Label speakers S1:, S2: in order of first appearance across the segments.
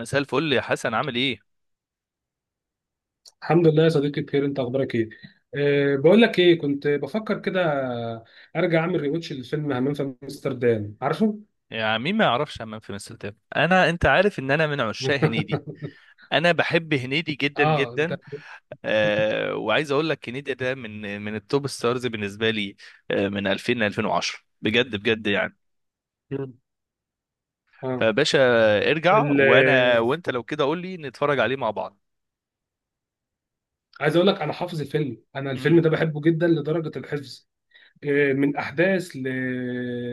S1: مساء الفل يا حسن، عامل ايه؟
S2: الحمد لله يا صديقي، بخير. انت اخبارك ايه؟ بقول لك ايه، كنت بفكر كده ارجع اعمل ريواتش للفيلم همام في امستردام، عارفه؟
S1: يا مين ما يعرفش همام في مساء الفل، انا انت عارف ان انا من عشاق هنيدي. انا بحب هنيدي جدا
S2: اه انت.
S1: جدا. وعايز اقول لك هنيدي ده من التوب ستارز بالنسبه لي. من 2000 ل 2010، بجد بجد يعني،
S2: مم. اه.
S1: فباشا ارجع.
S2: ال-
S1: وانا وانت لو كده قول لي نتفرج عليه مع بعض.
S2: عايز اقول لك انا حافظ الفيلم، انا الفيلم
S1: مم.
S2: ده بحبه جدا لدرجه الحفظ. من احداث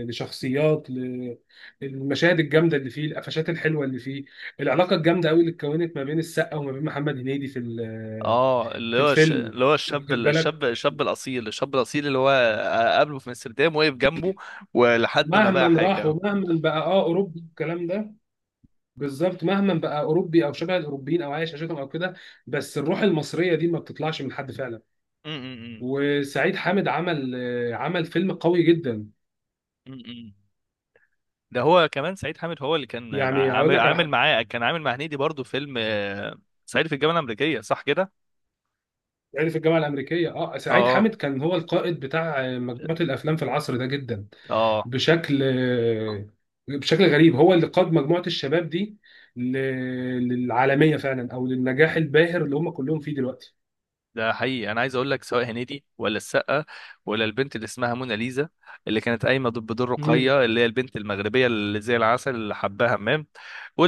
S2: لشخصيات المشاهد الجامده اللي فيه، القفشات الحلوه اللي فيه، العلاقه الجامده قوي اللي اتكونت ما بين السقا وما بين محمد هنيدي في
S1: اه،
S2: في الفيلم،
S1: اللي هو
S2: واخد بالك؟
S1: الشاب الاصيل، اللي هو قابله في امستردام، وقف جنبه ولحد ما بقى
S2: مهما راح
S1: حاجه.
S2: ومهما بقى اه اوروبي الكلام ده، بالظبط مهما بقى اوروبي او شبه الاوروبيين او عايش عشتهم او كده، بس الروح المصريه دي ما بتطلعش من حد فعلا.
S1: مم، مم، مم.
S2: وسعيد حامد عمل عمل فيلم قوي جدا.
S1: مم، مم. ده هو كمان سعيد حامد هو اللي كان
S2: يعني هقول
S1: عامل
S2: لك على
S1: عامل
S2: حاجه،
S1: معاه، كان عامل مع هنيدي برضو فيلم، صعيدي في الجامعه الامريكيه، صح كده؟
S2: يعني في الجامعه الامريكيه اه سعيد
S1: اه،
S2: حامد كان هو القائد بتاع
S1: اه.
S2: مجموعه الافلام في العصر ده جدا،
S1: آه،
S2: بشكل بشكل غريب هو اللي قاد مجموعة الشباب دي ل- للعالمية فعلا أو للنجاح الباهر اللي هم كلهم فيه دلوقتي.
S1: ده حقيقي. انا عايز اقول لك، سواء هنيدي ولا السقا ولا البنت اللي اسمها مناليزا اللي كانت قايمه ضد بدور
S2: مم.
S1: رقيه اللي هي البنت المغربيه اللي زي العسل اللي حباها همام.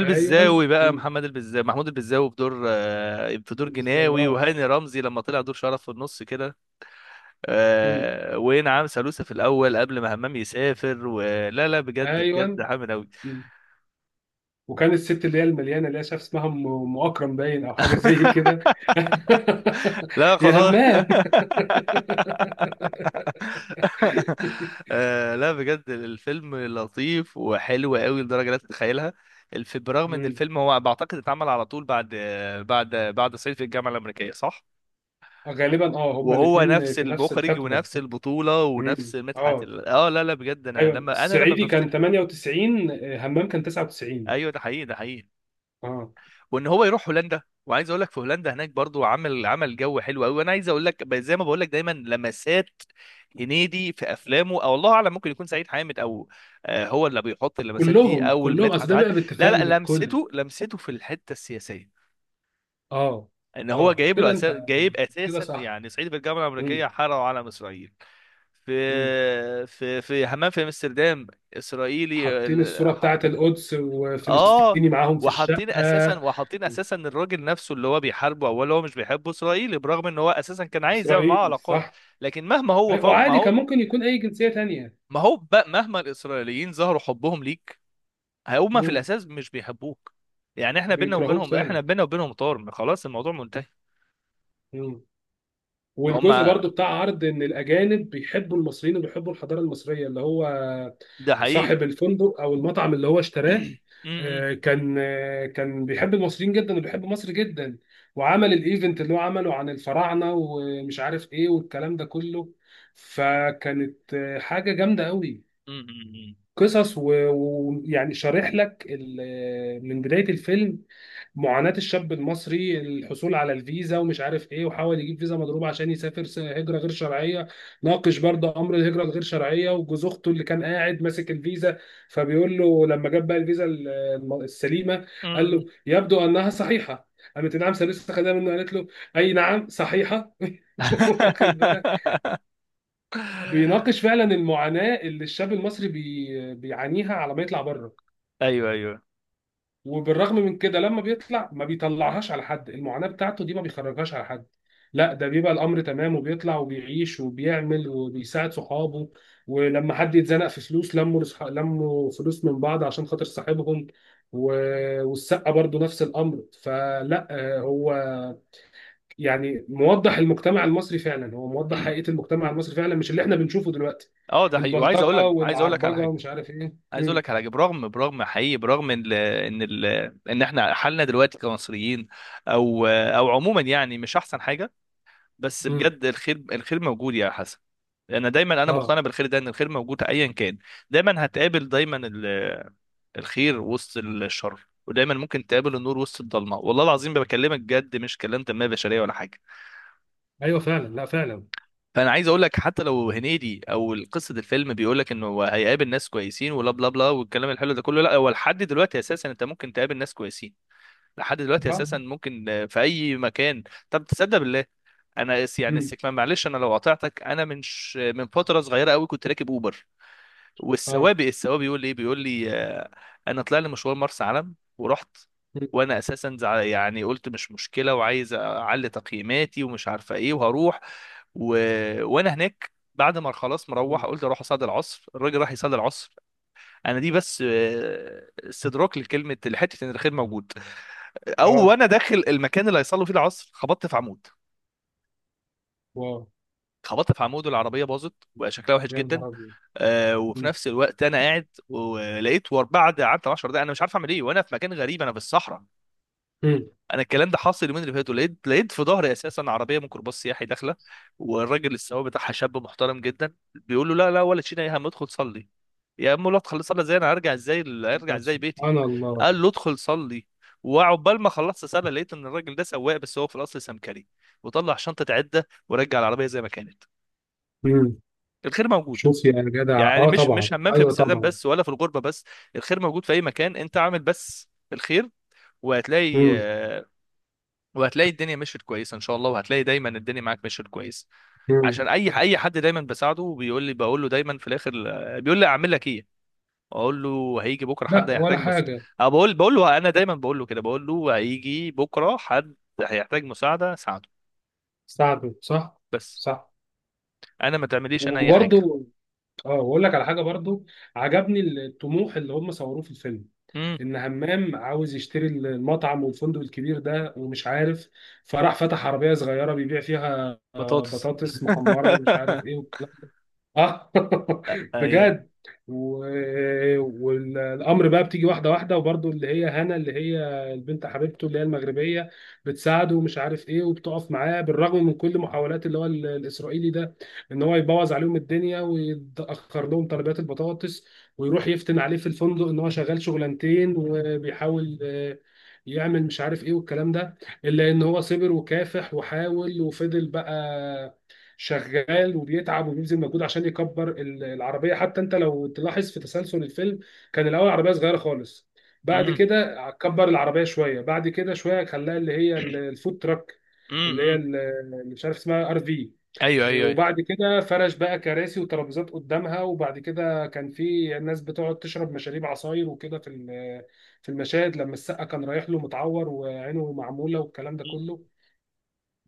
S2: ايوه.
S1: بقى،
S2: مم.
S1: محمد البزاوي محمود البزاوي بدور، في دور جناوي،
S2: اه.
S1: وهاني رمزي لما طلع دور شرف في النص كده.
S2: مم.
S1: ونعم سالوسة في الاول قبل ما همام يسافر ولا لا، بجد
S2: ايوه.
S1: بجد حامل قوي.
S2: مم. وكان الست اللي هي المليانه اللي هي شاف اسمها أم اكرم باين او حاجه زي كده،
S1: لا
S2: يا
S1: خلاص.
S2: همام.
S1: لا بجد، الفيلم لطيف وحلو قوي لدرجة لا تتخيلها. برغم ان
S2: مم.
S1: الفيلم هو بعتقد اتعمل على طول بعد، بعد صعيدي في الجامعة الأمريكية، صح؟
S2: غالبا اه هما
S1: وهو
S2: الاثنين
S1: نفس
S2: في نفس
S1: المخرج
S2: الحقبه.
S1: ونفس البطولة ونفس
S2: مم.
S1: مدحت
S2: اه.
S1: اه لا لا بجد،
S2: ايوه،
S1: انا لما
S2: الصعيدي كان
S1: بفتكر.
S2: 98، همام كان 99.
S1: ايوه، ده حقيقي ده حقيقي.
S2: اه
S1: وان هو يروح هولندا. وعايز اقول لك في هولندا هناك برضو عمل جو حلو قوي. وانا عايز اقول لك، زي ما بقول لك دايما، لمسات هنيدي في افلامه، او الله اعلم ممكن يكون سعيد حامد، او هو اللي بيحط اللمسات دي،
S2: كلهم
S1: او
S2: كلهم، اصل
S1: مدحت
S2: ده
S1: عاد.
S2: بقى
S1: لا
S2: باتفاق
S1: لا،
S2: من الكل.
S1: لمسته في الحته السياسيه.
S2: اه.
S1: ان هو
S2: اه
S1: جايب له
S2: كده
S1: أساس،
S2: انت،
S1: جايب
S2: كده
S1: اساسا
S2: صح.
S1: يعني صعيدي في الجامعه
S2: مم.
S1: الامريكيه حرقوا علم اسرائيل.
S2: مم.
S1: في حمام في امستردام اسرائيلي.
S2: حاطين الصورة بتاعت القدس
S1: اه،
S2: وفلسطيني معاهم في الشقة.
S1: وحاطين اساسا الراجل نفسه اللي هو بيحاربه، اول هو مش بيحبه اسرائيلي، برغم ان هو اساسا كان عايز يعمل معاه
S2: إسرائيل
S1: علاقات.
S2: صح.
S1: لكن مهما هو فوق، ما
S2: وعادي كان
S1: هو.
S2: ممكن يكون أي جنسية تانية.
S1: ما هو بقى مهما الاسرائيليين ظهروا حبهم ليك، هما في
S2: مم.
S1: الاساس مش بيحبوك. يعني
S2: بيكرهوك فعلا.
S1: احنا بينا وبينهم طار، خلاص الموضوع منتهي.
S2: مم. والجزء
S1: هما
S2: برضو بتاع عرض ان الاجانب بيحبوا المصريين وبيحبوا الحضاره المصريه، اللي هو
S1: ده حقيقي.
S2: صاحب الفندق او المطعم اللي هو اشتراه،
S1: م- م-
S2: كان بيحب المصريين جدا وبيحب مصر جدا، وعمل الايفنت اللي هو عمله عن الفراعنه ومش عارف ايه والكلام ده كله، فكانت حاجه جامده قوي.
S1: م-
S2: قصص ويعني شارح لك من بدايه الفيلم معاناة الشاب المصري الحصول على الفيزا ومش عارف ايه، وحاول يجيب فيزا مضروبة عشان يسافر هجرة غير شرعية. ناقش برضه امر الهجرة الغير شرعية، وجوز اخته اللي كان قاعد ماسك الفيزا فبيقول له لما جاب بقى الفيزا السليمة،
S1: م-
S2: قال
S1: م-
S2: له يبدو انها صحيحة، قالت نعم سلسة خدها منه. قالت له اي نعم صحيحة. واخد بالك؟ بيناقش فعلا المعاناة اللي الشاب المصري بيعانيها على ما يطلع بره.
S1: ايوه ايوه.
S2: وبالرغم من كده لما بيطلع ما بيطلعهاش على حد، المعاناة بتاعته دي ما بيخرجهاش على حد، لا ده بيبقى الأمر تمام وبيطلع وبيعيش وبيعمل وبيساعد صحابه. ولما حد يتزنق في فلوس لموا لموا فلوس من بعض عشان خاطر صاحبهم. و... والسقة برضو نفس الأمر، فلا هو يعني موضح المجتمع المصري فعلا، هو موضح حقيقة المجتمع المصري فعلا، مش اللي احنا بنشوفه دلوقتي،
S1: اه، ده حقيقي. وعايز اقول
S2: البلطجة
S1: لك عايز اقول لك على
S2: والعربجة
S1: حاجه.
S2: ومش عارف ايه.
S1: عايز اقول
S2: مم.
S1: لك على حاجه، برغم حقيقي. برغم ان احنا حالنا دلوقتي كمصريين، او عموما، يعني مش احسن حاجه. بس
S2: مم.
S1: بجد، الخير موجود يا حسن. انا
S2: اه
S1: مقتنع بالخير ده، ان الخير موجود ايا كان. دايما هتقابل، دايما الخير وسط الشر، ودايما ممكن تقابل النور وسط الضلمه. والله العظيم بكلمك بجد، مش كلام تنميه بشريه ولا حاجه.
S2: ايوه فعلا، لا فعلا.
S1: فانا عايز اقول لك، حتى لو هنيدي او قصه الفيلم بيقول لك انه هو هيقابل ناس كويسين ولا بلا بلا والكلام الحلو ده كله، لا، هو لحد دلوقتي اساسا انت ممكن تقابل ناس كويسين. لحد دلوقتي اساسا ممكن، في اي مكان. طب تصدق بالله، انا اس- يعني
S2: مم.
S1: السك- معلش انا لو قاطعتك، انا من فتره صغيره قوي كنت راكب اوبر.
S2: اه.
S1: السواق بيقول لي ايه، بيقول لي، انا طلع لي مشوار مرسى علم ورحت.
S2: مم.
S1: وانا اساسا يعني قلت مش مشكله، وعايز اعلي تقييماتي ومش عارفه ايه وهروح. و... وانا هناك بعد ما خلاص مروح
S2: مم.
S1: قلت اروح اصلي العصر. الراجل راح يصلي العصر. انا دي بس استدراك لكلمه لحته ان الخير موجود. او،
S2: اه.
S1: وانا داخل المكان اللي هيصلوا فيه العصر، خبطت في عمود.
S2: واو.
S1: خبطت في عمود، والعربيه باظت وبقى شكلها وحش
S2: يا
S1: جدا.
S2: نهار ابيض.
S1: وفي
S2: مم.
S1: نفس الوقت انا قاعد، ولقيت بعد قعدت 10 دقايق انا مش عارف اعمل ايه، وانا في مكان غريب، انا في الصحراء.
S2: مم.
S1: انا الكلام ده حاصل اليومين اللي فاتوا. لقيت في ظهري اساسا عربيه ميكروباص سياحي داخله. والراجل السواق بتاعها شاب محترم جدا، بيقول له لا لا، ولا تشيل يا هم، ادخل صلي. يا عم لا، ادخل صلي ازاي؟ انا هرجع ازاي؟ هرجع
S2: بس
S1: ازاي بيتي؟
S2: سبحان الله.
S1: قال له ادخل صلي. وعقبال ما خلصت صلاة لقيت ان الراجل ده سواق بس هو في الاصل سمكري، وطلع شنطه عده ورجع العربيه زي ما كانت.
S2: مم.
S1: الخير موجود.
S2: شوف يا جدع،
S1: يعني
S2: اه
S1: مش
S2: طبعا،
S1: مش همام في
S2: ايوه
S1: امستردام
S2: طبعا.
S1: بس، ولا في الغربه بس، الخير موجود في اي مكان. انت اعمل بس الخير، وهتلاقي،
S2: مم.
S1: وهتلاقي الدنيا مشيت كويسه ان شاء الله. وهتلاقي دايما الدنيا معاك مشيت كويس.
S2: مم.
S1: عشان اي حد دايما بساعده، وبيقول لي، بقول له دايما في الاخر، بيقول لي اعمل لك ايه، اقول له هيجي بكره حد
S2: لا ولا
S1: هيحتاج
S2: حاجه.
S1: أو بقول له. انا دايما بقول له كده، بقول له هيجي بكره حد هيحتاج ساعده
S2: استعبد صح.
S1: بس،
S2: صح.
S1: انا ما تعمليش انا اي حاجه.
S2: وبرده اه واقول لك على حاجه برضو، عجبني الطموح اللي هم صوروه في الفيلم،
S1: امم.
S2: ان همام عاوز يشتري المطعم والفندق الكبير ده ومش عارف، فراح فتح عربيه صغيره بيبيع فيها
S1: بطاطس.
S2: بطاطس محمره ومش عارف ايه. اه.
S1: ايوه.
S2: بجد. و... والامر بقى بتيجي واحده واحده، وبرضه اللي هي هنا اللي هي البنت حبيبته اللي هي المغربيه بتساعده ومش عارف ايه وبتقف معاه، بالرغم من كل محاولات اللي هو الاسرائيلي ده، ان هو يبوظ عليهم الدنيا ويتاخر لهم طلبات البطاطس، ويروح يفتن عليه في الفندق ان هو شغال شغلانتين، وبيحاول يعمل مش عارف ايه والكلام ده. الا ان هو صبر وكافح وحاول وفضل بقى شغال وبيتعب وبيبذل مجهود عشان يكبر العربيه. حتى انت لو تلاحظ في تسلسل الفيلم، كان الاول عربيه صغيره خالص، بعد
S1: امم.
S2: كده كبر العربيه شويه، بعد كده شويه خلاها اللي هي الفود تراك اللي هي اللي مش عارف اسمها ار في.
S1: ايوه ايوه ايوه.
S2: وبعد كده فرش بقى كراسي وترابيزات قدامها، وبعد كده كان في ناس بتقعد تشرب مشاريب عصاير وكده في في المشاهد لما السقا كان رايح له متعور وعينه معموله والكلام ده كله.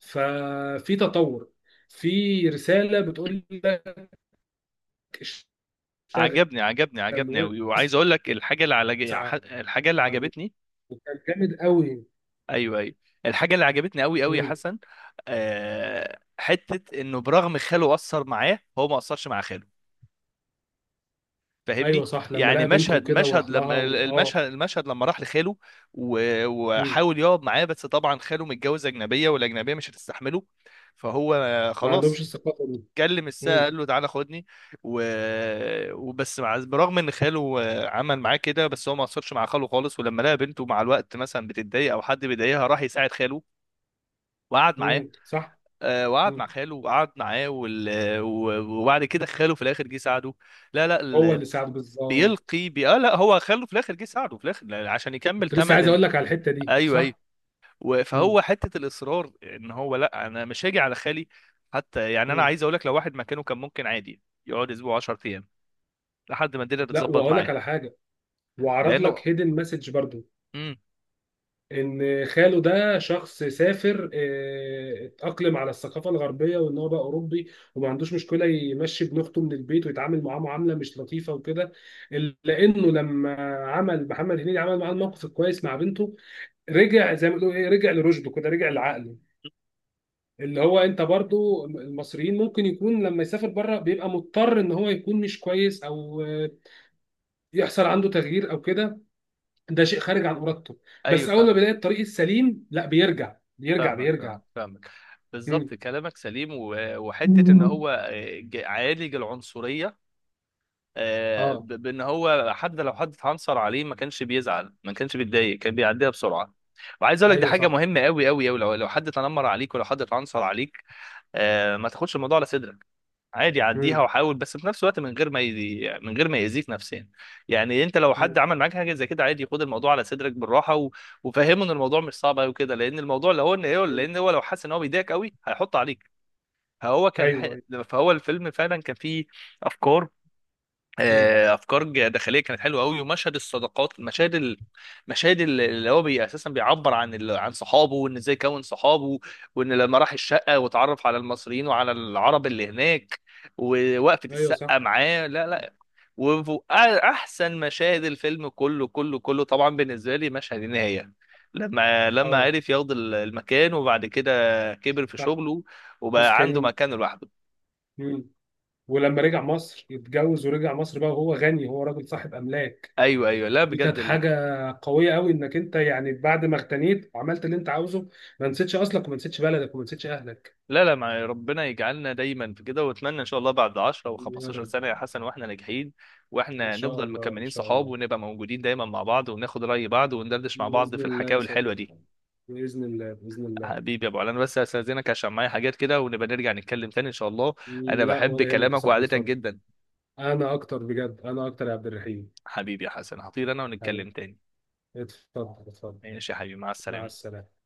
S2: ففي تطور، في رسالة بتقول لك اشتغل
S1: عجبني عجبني عجبني
S2: واسعى،
S1: قوي. وعايز اقول لك الحاجه اللي على، الحاجه اللي عجبتني.
S2: وكان جامد قوي.
S1: ايوه ايوه. الحاجه اللي عجبتني قوي قوي يا
S2: مم.
S1: حسن، حته انه برغم خاله اثر معاه، هو ما اثرش مع خاله.
S2: ايوه
S1: فاهمني؟
S2: صح، لما
S1: يعني
S2: لقى بنته كده
S1: مشهد
S2: وراح لها
S1: لما،
S2: اه.
S1: المشهد لما راح لخاله،
S2: مم.
S1: وحاول يقعد معاه. بس طبعا خاله متجوز اجنبيه، والاجنبيه مش هتستحمله. فهو
S2: ما عندهمش
S1: خلاص
S2: الثقافة دي.
S1: كلم الساعة،
S2: مم.
S1: قال له تعالى خدني. و... وبس برغم ان خاله، عمل معاه كده، بس هو ما قصرش مع خاله خالص. ولما لقى بنته مع الوقت مثلا بتتضايق او حد بيضايقها، راح يساعد خاله وقعد معاه.
S2: مم. صح.
S1: وقعد
S2: مم.
S1: مع خاله وقعد معاه، وبعد كده خاله في الاخر جه ساعده. لا لا،
S2: هو اللي ساعد بالظبط.
S1: لا، هو خاله في الاخر جه ساعده، في الاخر عشان يكمل
S2: كنت لسه
S1: تمن
S2: عايز
S1: ال...
S2: اقول لك على الحتة دي،
S1: ايوه ايوه.
S2: صح. مم.
S1: فهو حته الاصرار، ان هو لا، انا مش هاجي على خالي. حتى يعني انا
S2: مم.
S1: عايز اقول لك، لو واحد مكانه كان ممكن عادي يقعد اسبوع 10 ايام لحد ما الدنيا
S2: لا
S1: بتظبط
S2: وهقول لك
S1: معاه،
S2: على حاجة، وعرض
S1: لانه.
S2: لك هيدن مسج برضو،
S1: امم.
S2: ان خاله ده شخص سافر اتأقلم على الثقافة الغربية وان هو بقى اوروبي، وما عندوش مشكلة يمشي ابن اخته من البيت ويتعامل معاه معاملة مش لطيفة وكده، إلا لانه لما عمل محمد هنيدي عمل معاه الموقف الكويس مع بنته رجع زي ما بيقولوا ايه، رجع لرشده كده، رجع لعقله. اللي هو انت برضو المصريين ممكن يكون لما يسافر بره بيبقى مضطر ان هو يكون مش كويس، او يحصل عنده تغيير او كده، ده شيء خارج عن ارادته.
S1: ايوه
S2: بس اول ما
S1: فاهم.
S2: بيلاقي الطريق السليم لا بيرجع بيرجع بيرجع.
S1: فاهمك.
S2: مم.
S1: بالظبط كلامك سليم. وحته ان
S2: مم.
S1: هو، عالج العنصريه،
S2: اه.
S1: بان هو حد، لو حد اتعنصر عليه ما كانش بيزعل ما كانش بيتضايق، كان بيعديها بسرعه. وعايز اقول لك دي
S2: ايوه
S1: حاجه
S2: صح.
S1: مهمه قوي قوي قوي. لو حد تنمر عليك ولو حد اتعنصر عليك، ما تاخدش الموضوع على صدرك. عادي عديها،
S2: مم.
S1: وحاول بس في نفس الوقت من غير ما يأذيك نفسيا. يعني انت لو حد
S2: مم.
S1: عمل معاك حاجه زي كده، عادي خد الموضوع على صدرك بالراحه، و... وفهمه ان الموضوع مش صعب قوي كده. لان الموضوع لو هو ان ايه،
S2: مم.
S1: لان هو لو حس ان هو بيضايقك قوي هيحط عليك. فهو كان
S2: ايوه ايوه.
S1: فهو الفيلم فعلا كان فيه افكار،
S2: مم.
S1: افكار داخليه كانت حلوه قوي. ومشهد الصداقات، اللي هو اساسا بيعبر عن عن صحابه، وان ازاي كون صحابه. وان لما راح الشقه وتعرف على المصريين وعلى العرب اللي هناك، ووقفه
S2: ايوه
S1: السقه
S2: صح.
S1: معاه. لا لا. واحسن مشاهد الفيلم كله كله كله طبعا بالنسبه لي مشهد النهايه، لما
S2: اه
S1: عرف ياخد المكان، وبعد كده كبر في
S2: صح.
S1: شغله، وبقى عنده
S2: مسكنين.
S1: مكان لوحده.
S2: مم. ولما رجع مصر اتجوز ورجع مصر بقى وهو غني، هو راجل صاحب املاك.
S1: ايوه ايوه، لا
S2: دي كانت
S1: بجد.
S2: حاجه قويه قوي، انك انت يعني بعد ما اغتنيت وعملت اللي انت عاوزه ما نسيتش اصلك وما نسيتش بلدك وما نسيتش اهلك.
S1: لا لا، مع ربنا يجعلنا دايما في كده. واتمنى ان شاء الله بعد 10 او
S2: يا
S1: 15
S2: رب.
S1: سنه يا حسن واحنا ناجحين،
S2: ان
S1: واحنا
S2: شاء
S1: نفضل
S2: الله ان
S1: مكملين
S2: شاء
S1: صحاب،
S2: الله.
S1: ونبقى موجودين دايما مع بعض، وناخد راي بعض، وندردش مع بعض
S2: بإذن
S1: في
S2: الله يا
S1: الحكاوي الحلوه دي.
S2: صديقي، بإذن الله بإذن الله.
S1: حبيبي يا ابو علي، انا بس هستاذنك عشان معايا حاجات كده، ونبقى نرجع نتكلم تاني ان شاء الله. انا
S2: لا
S1: بحب
S2: ولا يهمك يا
S1: كلامك
S2: صاحبي،
S1: وقعدتك
S2: اتفضل.
S1: جدا.
S2: أنا أكتر بجد، أنا أكتر يا عبد الرحيم.
S1: حبيبي يا حسن، هطير انا، ونتكلم
S2: حبيبي،
S1: تاني.
S2: اتفضل اتفضل.
S1: ماشي يا حبيبي، مع
S2: مع
S1: السلامه.
S2: السلامة.